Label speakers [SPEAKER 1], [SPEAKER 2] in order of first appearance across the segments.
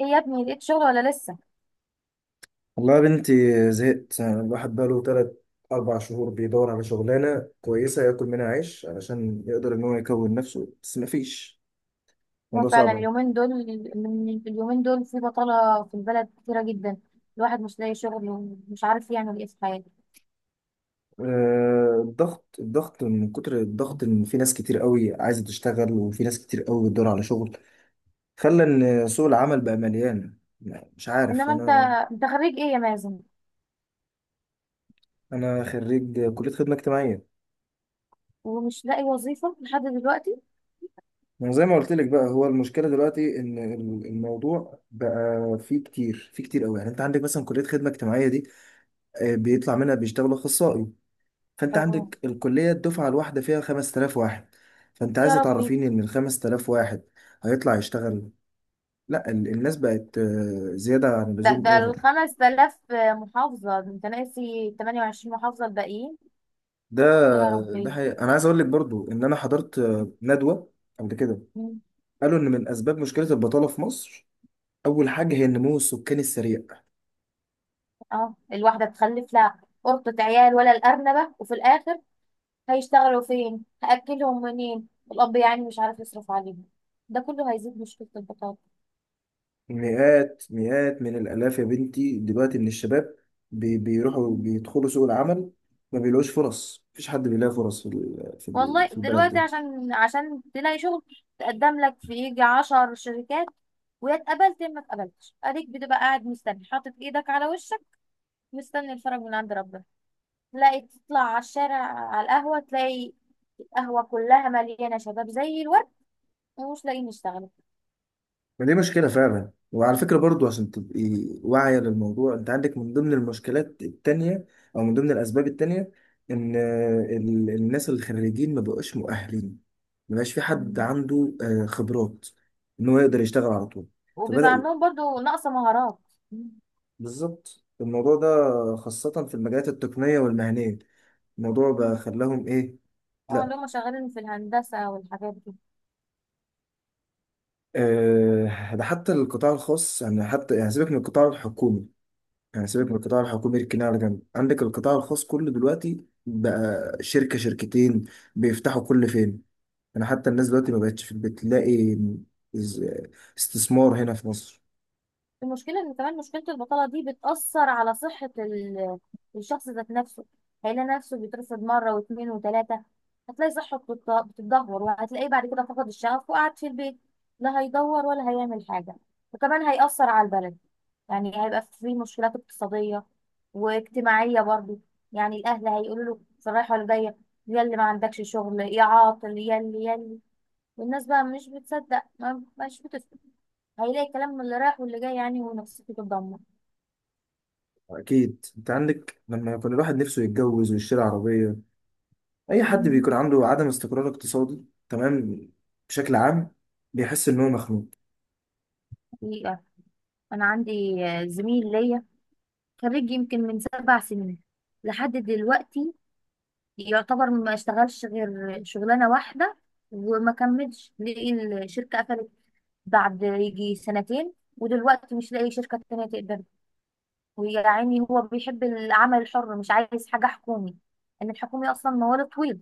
[SPEAKER 1] ايه يا ابني، لقيت شغل ولا لسه؟
[SPEAKER 2] والله يا بنتي، زهقت. الواحد بقاله تلات أربع شهور بيدور على شغلانة كويسة ياكل منها عيش علشان يقدر إن هو يكون نفسه بس مفيش.
[SPEAKER 1] هو
[SPEAKER 2] الموضوع
[SPEAKER 1] فعلا
[SPEAKER 2] صعب أوي.
[SPEAKER 1] اليومين دول، من اليومين دول في بطالة في البلد كتيرة جدا. الواحد مش لاقي شغل ومش عارف يعمل ايه في حياته.
[SPEAKER 2] الضغط من كتر الضغط، إن في ناس كتير قوي عايزة تشتغل وفي ناس كتير قوي بتدور على شغل. خلى إن سوق العمل بقى مليان، يعني مش عارف
[SPEAKER 1] انما انت،
[SPEAKER 2] أنا.
[SPEAKER 1] انت خريج ايه يا مازن؟
[SPEAKER 2] أنا خريج كلية خدمة اجتماعية.
[SPEAKER 1] ومش لاقي وظيفة لحد دلوقتي؟
[SPEAKER 2] ما زي ما قلت لك بقى، هو المشكله دلوقتي ان الموضوع بقى فيه كتير فيه كتير قوي. يعني انت عندك مثلا كليه خدمه اجتماعيه، بيطلع منها بيشتغلوا اخصائي. فانت
[SPEAKER 1] اه،
[SPEAKER 2] عندك الكليه الدفعه الواحده فيها 5000 واحد. فانت
[SPEAKER 1] يا
[SPEAKER 2] عايزه
[SPEAKER 1] ربي.
[SPEAKER 2] تعرفيني ان ال 5000 واحد هيطلع يشتغل؟ لا، الناس بقت زياده عن
[SPEAKER 1] ده
[SPEAKER 2] اللزوم،
[SPEAKER 1] ده
[SPEAKER 2] اوفر.
[SPEAKER 1] 5000 محافظة، ده انت ناسي 28 محافظة الباقيين.
[SPEAKER 2] ده
[SPEAKER 1] يا
[SPEAKER 2] ده
[SPEAKER 1] ربي.
[SPEAKER 2] حقيقة. انا عايز اقول لك برضو ان انا حضرت ندوه قبل كده.
[SPEAKER 1] مم.
[SPEAKER 2] قالوا ان من اسباب مشكله البطاله في مصر، اول حاجه هي النمو السكاني السريع.
[SPEAKER 1] اه، الواحدة تخلف لها قرطة عيال ولا الأرنبة، وفي الآخر هيشتغلوا فين؟ هأكلهم منين؟ الأب يعني مش عارف يصرف عليهم. ده كله هيزيد مشكلة البطاقة.
[SPEAKER 2] مئات مئات من الآلاف يا بنتي دلوقتي من الشباب بيروحوا
[SPEAKER 1] مم.
[SPEAKER 2] بيدخلوا سوق العمل. ما بيلاقوش فرص، مفيش حد بيلاقي فرص
[SPEAKER 1] والله
[SPEAKER 2] في البلد
[SPEAKER 1] دلوقتي
[SPEAKER 2] دي.
[SPEAKER 1] عشان تلاقي شغل، تقدم لك في يجي 10 شركات، ويا اتقبلت يا ما اتقبلتش، اديك بتبقى قاعد مستني حاطط ايدك على وشك، مستني الفرج من عند ربنا. تلاقي تطلع على الشارع على القهوة، تلاقي القهوة كلها مليانة شباب زي الورد ومش لاقيين يشتغلوا.
[SPEAKER 2] ما دي مشكلة فعلا. وعلى فكرة برضو، عشان تبقي واعية للموضوع، انت عندك من ضمن المشكلات التانية او من ضمن الأسباب التانية ان الناس الخريجين ما بقوش مؤهلين. ما بقاش في حد
[SPEAKER 1] مم.
[SPEAKER 2] عنده خبرات ان هو يقدر يشتغل على طول.
[SPEAKER 1] وبيبقى
[SPEAKER 2] فبدأ.
[SPEAKER 1] عندهم برضو نقص مهارات.
[SPEAKER 2] بالظبط الموضوع ده، خاصة في المجالات التقنية والمهنية. الموضوع بقى
[SPEAKER 1] مم.
[SPEAKER 2] خلاهم إيه؟
[SPEAKER 1] اه، اللي هم
[SPEAKER 2] لا،
[SPEAKER 1] شغالين في الهندسة والحاجات دي.
[SPEAKER 2] ده حتى القطاع الخاص. يعني حتى يعني سيبك من القطاع الحكومي، يعني سيبك من القطاع الحكومي، اركناه على جنب. عندك القطاع الخاص كله دلوقتي بقى شركة شركتين بيفتحوا كل فين؟ يعني حتى الناس دلوقتي ما بقتش في البيت، تلاقي از- استثمار هنا في مصر.
[SPEAKER 1] المشكلة ان كمان مشكلة البطالة دي بتأثر على صحة الشخص ذات نفسه. هيلاقي نفسه بيترفض مرة و2 و3، هتلاقي صحته بتتدهور، وهتلاقيه بعد كده فقد الشغف وقعد في البيت، لا هيدور ولا هيعمل حاجة. وكمان هيأثر على البلد، يعني هيبقى في مشكلات اقتصادية واجتماعية برضه. يعني الأهل هيقولوا له في الرايحة والجاية، يا اللي ما عندكش شغل، يا عاطل، يا اللي والناس بقى مش بتصدق ما مش بتفهم. هيلاقي الكلام من اللي رايح واللي جاي يعني، ونفسيته تتدمر.
[SPEAKER 2] أكيد، أنت عندك لما كان الواحد نفسه يتجوز ويشتري عربية، اي حد
[SPEAKER 1] مم.
[SPEAKER 2] بيكون عنده عدم استقرار اقتصادي، تمام، بشكل عام بيحس ان هو مخنوق.
[SPEAKER 1] حقيقة، أنا عندي زميل ليا، خريج يمكن من 7 سنين، لحد دلوقتي يعتبر ما اشتغلش غير شغلانة واحدة وما كملش، لقي الشركة قفلت بعد يجي 2 سنة، ودلوقتي مش لاقي شركة تانية تقدر. ويا عيني هو بيحب العمل الحر، مش عايز حاجة حكومي، إن الحكومي أصلا موال طويل،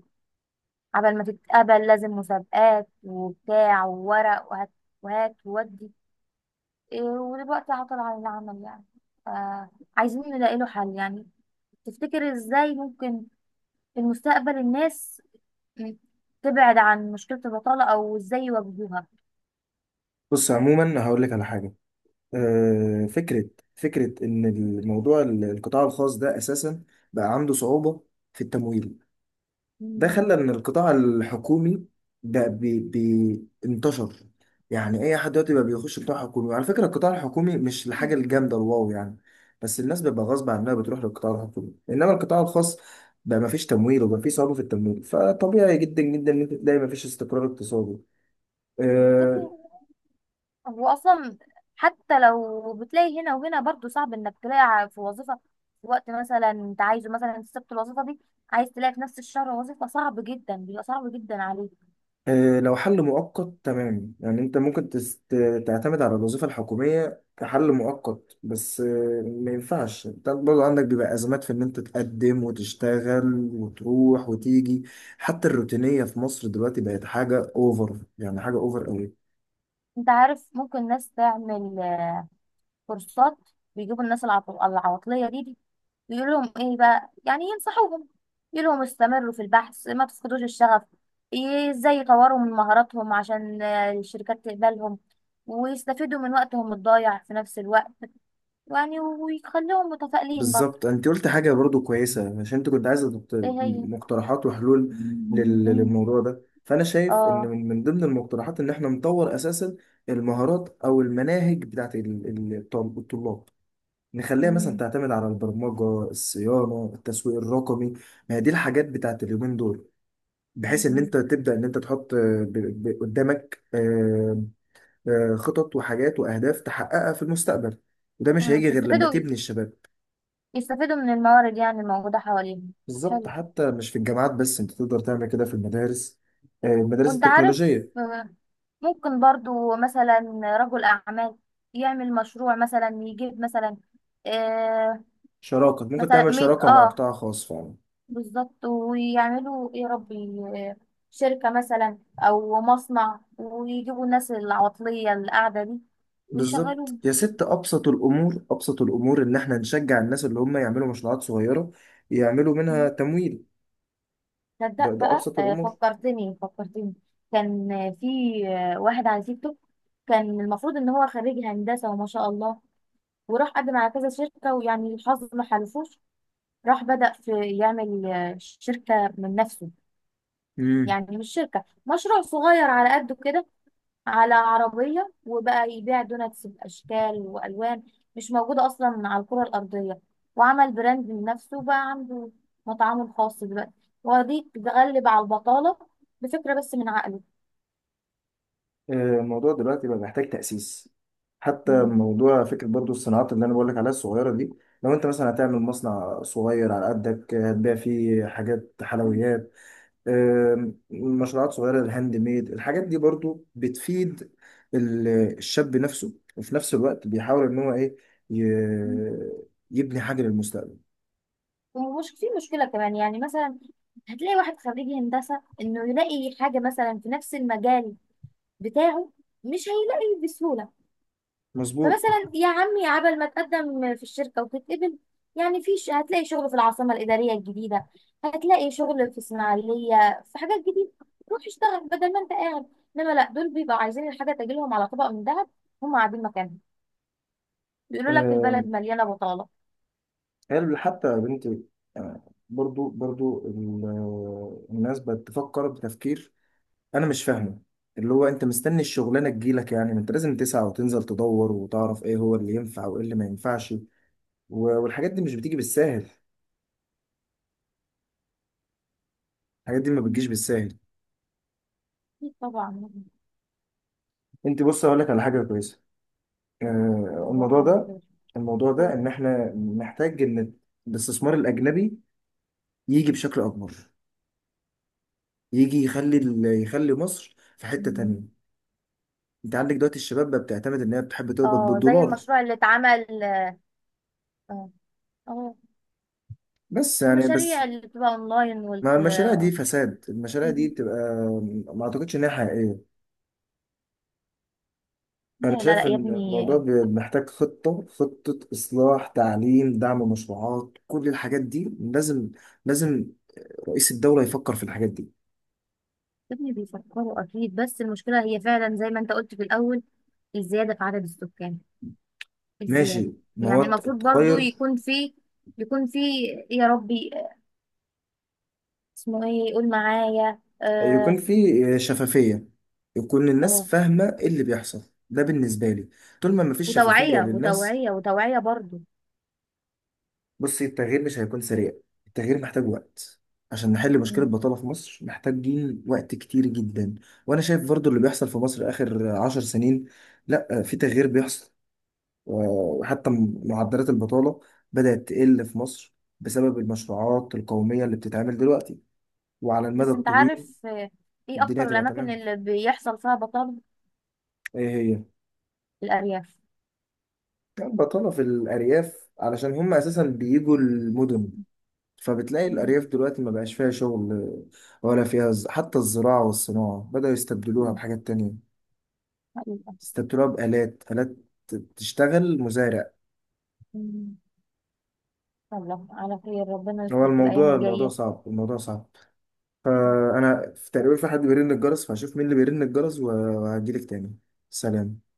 [SPEAKER 1] قبل ما تتقبل لازم مسابقات وبتاع وورق وهات وهات وودي. إيه، ودلوقتي عطل عن العمل يعني. آه، عايزين نلاقي له حل يعني. تفتكر ازاي ممكن في المستقبل الناس تبعد عن مشكلة البطالة، او ازاي يواجهوها؟
[SPEAKER 2] بص، عموما هقول لك على حاجه، آه، فكره فكره ان الموضوع القطاع الخاص ده اساسا بقى عنده صعوبه في التمويل. ده
[SPEAKER 1] مم.
[SPEAKER 2] خلى ان القطاع الحكومي بقى بي بي انتشر. يعني اي حد دلوقتي بقى بيخش قطاع حكومي، وعلى فكره القطاع الحكومي مش الحاجه الجامده الواو يعني. بس الناس بتبقى غصب عنها بتروح للقطاع الحكومي. انما القطاع الخاص بقى ما فيش تمويل، وبقى في صعوبه في التمويل. فطبيعي جدا جدا ان انت تلاقي ما فيش استقرار اقتصادي. آه،
[SPEAKER 1] يعني هو اصلا حتى لو بتلاقي هنا وهنا، برضو صعب انك تلاقي في وظيفة، في وقت مثلا انت عايزه، مثلا انت سبت الوظيفة دي، عايز تلاقي في نفس الشهر وظيفة، صعب جدا، بيبقى صعب جدا عليك.
[SPEAKER 2] لو حل مؤقت تمام، يعني انت ممكن تعتمد على الوظيفة الحكومية كحل مؤقت، بس ما ينفعش. انت برضه عندك بيبقى أزمات في ان انت تقدم وتشتغل وتروح وتيجي. حتى الروتينية في مصر دلوقتي بقت حاجة اوفر، يعني حاجة اوفر قوي.
[SPEAKER 1] انت عارف، ممكن ناس تعمل كورسات، بيجيبوا الناس العواطلية دي بيقول لهم ايه بقى؟ يعني ينصحوهم، يقول لهم استمروا في البحث، ما تفقدوش الشغف، ازاي يطوروا من مهاراتهم عشان الشركات تقبلهم، ويستفيدوا من وقتهم الضايع في نفس الوقت يعني، ويخليهم متفائلين برضه.
[SPEAKER 2] بالظبط، انت قلت حاجه برضو كويسه، عشان انت كنت عايزه
[SPEAKER 1] ايه هي؟
[SPEAKER 2] مقترحات وحلول
[SPEAKER 1] مم.
[SPEAKER 2] للموضوع ده. فانا شايف ان
[SPEAKER 1] اه.
[SPEAKER 2] من ضمن المقترحات ان احنا نطور اساسا المهارات او المناهج بتاعت الطلاب. نخليها مثلا
[SPEAKER 1] مم.
[SPEAKER 2] تعتمد على البرمجه، الصيانه، التسويق الرقمي. ما هي دي الحاجات بتاعت اليومين دول. بحيث ان
[SPEAKER 1] مم.
[SPEAKER 2] انت تبدا ان انت تحط قدامك خطط وحاجات واهداف تحققها في المستقبل. وده مش هيجي غير لما
[SPEAKER 1] يستفيدوا،
[SPEAKER 2] تبني الشباب.
[SPEAKER 1] يستفيدوا من الموارد يعني الموجودة حواليهم.
[SPEAKER 2] بالظبط،
[SPEAKER 1] حلو.
[SPEAKER 2] حتى مش في الجامعات بس، انت تقدر تعمل كده في المدارس، المدارس
[SPEAKER 1] وانت عارف،
[SPEAKER 2] التكنولوجية.
[SPEAKER 1] ممكن برضو مثلا رجل أعمال يعمل مشروع، مثلا يجيب مثلا، آه
[SPEAKER 2] شراكة، ممكن
[SPEAKER 1] مثلا
[SPEAKER 2] تعمل
[SPEAKER 1] ميت،
[SPEAKER 2] شراكة مع
[SPEAKER 1] اه
[SPEAKER 2] قطاع خاص فعلا.
[SPEAKER 1] بالظبط. ويعملوا ايه يا ربي؟ آه، شركة مثلا أو مصنع، ويجيبوا الناس العطلية اللي قاعدة دي
[SPEAKER 2] بالظبط
[SPEAKER 1] ويشغلوهم.
[SPEAKER 2] يا ست، أبسط الأمور، أبسط الأمور إن إحنا نشجع الناس اللي هم يعملوا مشروعات صغيرة يعملوا منها تمويل. ده
[SPEAKER 1] تصدق
[SPEAKER 2] ده
[SPEAKER 1] بقى،
[SPEAKER 2] أبسط
[SPEAKER 1] آه
[SPEAKER 2] الأمور.
[SPEAKER 1] فكرتني، فكرتني. كان آه، في آه، واحد على تيك توك، كان المفروض إن هو خريج هندسة وما شاء الله، وراح قدم على كذا شركة ويعني الحظ ما حالفوش. راح بدأ في يعمل شركة من نفسه،
[SPEAKER 2] امم
[SPEAKER 1] يعني مش شركة، مشروع صغير على قده كده، على عربية، وبقى يبيع دوناتس بأشكال وألوان مش موجودة أصلا على الكرة الأرضية، وعمل براند لنفسه، وبقى عنده مطعمه الخاص دلوقتي. ودي تغلب على البطالة بفكرة بس من عقله.
[SPEAKER 2] الموضوع دلوقتي بقى محتاج تأسيس. حتى موضوع فكرة برضو الصناعات اللي أنا بقولك عليها الصغيرة دي، لو أنت مثلا هتعمل مصنع صغير على قدك، هتبيع فيه حاجات حلويات. مشروعات صغيرة، الهاند ميد، الحاجات دي برضو بتفيد ال- الشاب نفسه، وفي نفس الوقت بيحاول ان هو ايه، ي- يبني حاجة للمستقبل.
[SPEAKER 1] ومش في مشكلة كمان يعني، مثلا هتلاقي واحد خريج هندسة، إنه يلاقي حاجة مثلا في نفس المجال بتاعه، مش هيلاقي بسهولة.
[SPEAKER 2] مظبوط.
[SPEAKER 1] فمثلا يا عمي عبل ما تقدم في الشركه وتتقبل، يعني في هتلاقي شغل في العاصمه الاداريه الجديده، هتلاقي شغل في اسماعيليه، في حاجات جديده، روح اشتغل بدل ما انت قاعد. انما لا، دول بيبقوا عايزين الحاجه تجيلهم على طبق من ذهب، هم قاعدين مكانهم بيقولوا لك البلد
[SPEAKER 2] آم،
[SPEAKER 1] مليانه بطاله.
[SPEAKER 2] قال حتى يا بنتي. آه، برضو الناس بتفكر بتفكير، انا مش فاهمه. اللي هو انت مستني الشغلانه تجيلك؟ يعني ما انت لازم تسعى وتنزل تدور وتعرف ايه هو اللي ينفع وايه اللي ما ينفعش. والحاجات دي مش بتيجي بالساهل. الحاجات دي ما بتجيش
[SPEAKER 1] مم.
[SPEAKER 2] بالساهل.
[SPEAKER 1] أكيد طبعا.
[SPEAKER 2] انت، بص اقول لك على حاجه كويسه. آه،
[SPEAKER 1] طبعاً
[SPEAKER 2] الموضوع
[SPEAKER 1] على
[SPEAKER 2] ده
[SPEAKER 1] خير.
[SPEAKER 2] الموضوع ده
[SPEAKER 1] قول.
[SPEAKER 2] ان احنا محتاج ان الاستثمار الاجنبي يجي بشكل اكبر، يجي يخلي يخلي مصر في حته تانية.
[SPEAKER 1] مم.
[SPEAKER 2] انت عندك دلوقتي الشباب بقى بتعتمد ان هي بتحب تقبض
[SPEAKER 1] اه زي
[SPEAKER 2] بالدولار،
[SPEAKER 1] المشروع اللي اتعمل. اه. آه.
[SPEAKER 2] بس يعني بس.
[SPEAKER 1] المشاريع اللي بتبقى اونلاين وال...
[SPEAKER 2] مع المشاريع دي فساد، المشاريع دي
[SPEAKER 1] مم.
[SPEAKER 2] بتبقى ما اعتقدش ان هي حقيقيه.
[SPEAKER 1] لا
[SPEAKER 2] انا
[SPEAKER 1] لا لا
[SPEAKER 2] شايف
[SPEAKER 1] يا
[SPEAKER 2] ان
[SPEAKER 1] ابني.
[SPEAKER 2] الموضوع محتاج خطه اصلاح تعليم، دعم مشروعات، كل الحاجات دي لازم، لازم رئيس الدوله يفكر في الحاجات دي.
[SPEAKER 1] ابني بيفكروا اكيد، بس المشكله هي فعلا زي ما انت قلت في الاول، الزياده في عدد السكان، الزياده.
[SPEAKER 2] ماشي، ما هو
[SPEAKER 1] يعني المفروض برضو
[SPEAKER 2] التغير
[SPEAKER 1] يكون في، يكون في، يا ربي اسمه ايه؟ قول معايا.
[SPEAKER 2] يكون
[SPEAKER 1] اه،
[SPEAKER 2] فيه شفافية، يكون الناس
[SPEAKER 1] اه،
[SPEAKER 2] فاهمة ايه اللي بيحصل. ده بالنسبة لي، طول ما مفيش شفافية
[SPEAKER 1] وتوعيه
[SPEAKER 2] للناس.
[SPEAKER 1] وتوعيه وتوعيه برضو.
[SPEAKER 2] بصي، التغيير مش هيكون سريع. التغيير محتاج وقت. عشان نحل مشكلة
[SPEAKER 1] مم.
[SPEAKER 2] البطالة في مصر محتاجين وقت كتير جدا. وأنا شايف برضو اللي بيحصل في مصر آخر 10 سنين، لأ في تغيير بيحصل. وحتى معدلات البطالة بدأت تقل في مصر بسبب المشروعات القومية اللي بتتعمل دلوقتي. وعلى المدى
[SPEAKER 1] بس انت
[SPEAKER 2] الطويل
[SPEAKER 1] عارف، ايه اكتر
[SPEAKER 2] الدنيا هتبقى
[SPEAKER 1] الاماكن
[SPEAKER 2] تمام.
[SPEAKER 1] اللي بيحصل فيها بطاله؟
[SPEAKER 2] ايه هي؟
[SPEAKER 1] الارياف.
[SPEAKER 2] كانت بطالة في الأرياف علشان هم أساسا بيجوا المدن، فبتلاقي
[SPEAKER 1] مم.
[SPEAKER 2] الأرياف دلوقتي ما بقاش فيها شغل ولا فيها حتى الزراعة والصناعة بدأوا يستبدلوها
[SPEAKER 1] مم.
[SPEAKER 2] بحاجات تانية.
[SPEAKER 1] حقيقة.
[SPEAKER 2] استبدلوها بآلات، آلات تشتغل مزارع.
[SPEAKER 1] مم. الله على خير، ربنا
[SPEAKER 2] هو
[SPEAKER 1] يستر في الايام
[SPEAKER 2] الموضوع
[SPEAKER 1] الجايه.
[SPEAKER 2] صعب، الموضوع صعب. فأنا في تقريبا في حد بيرن الجرس، فهشوف مين اللي بيرن الجرس وهجيلك تاني. سلام.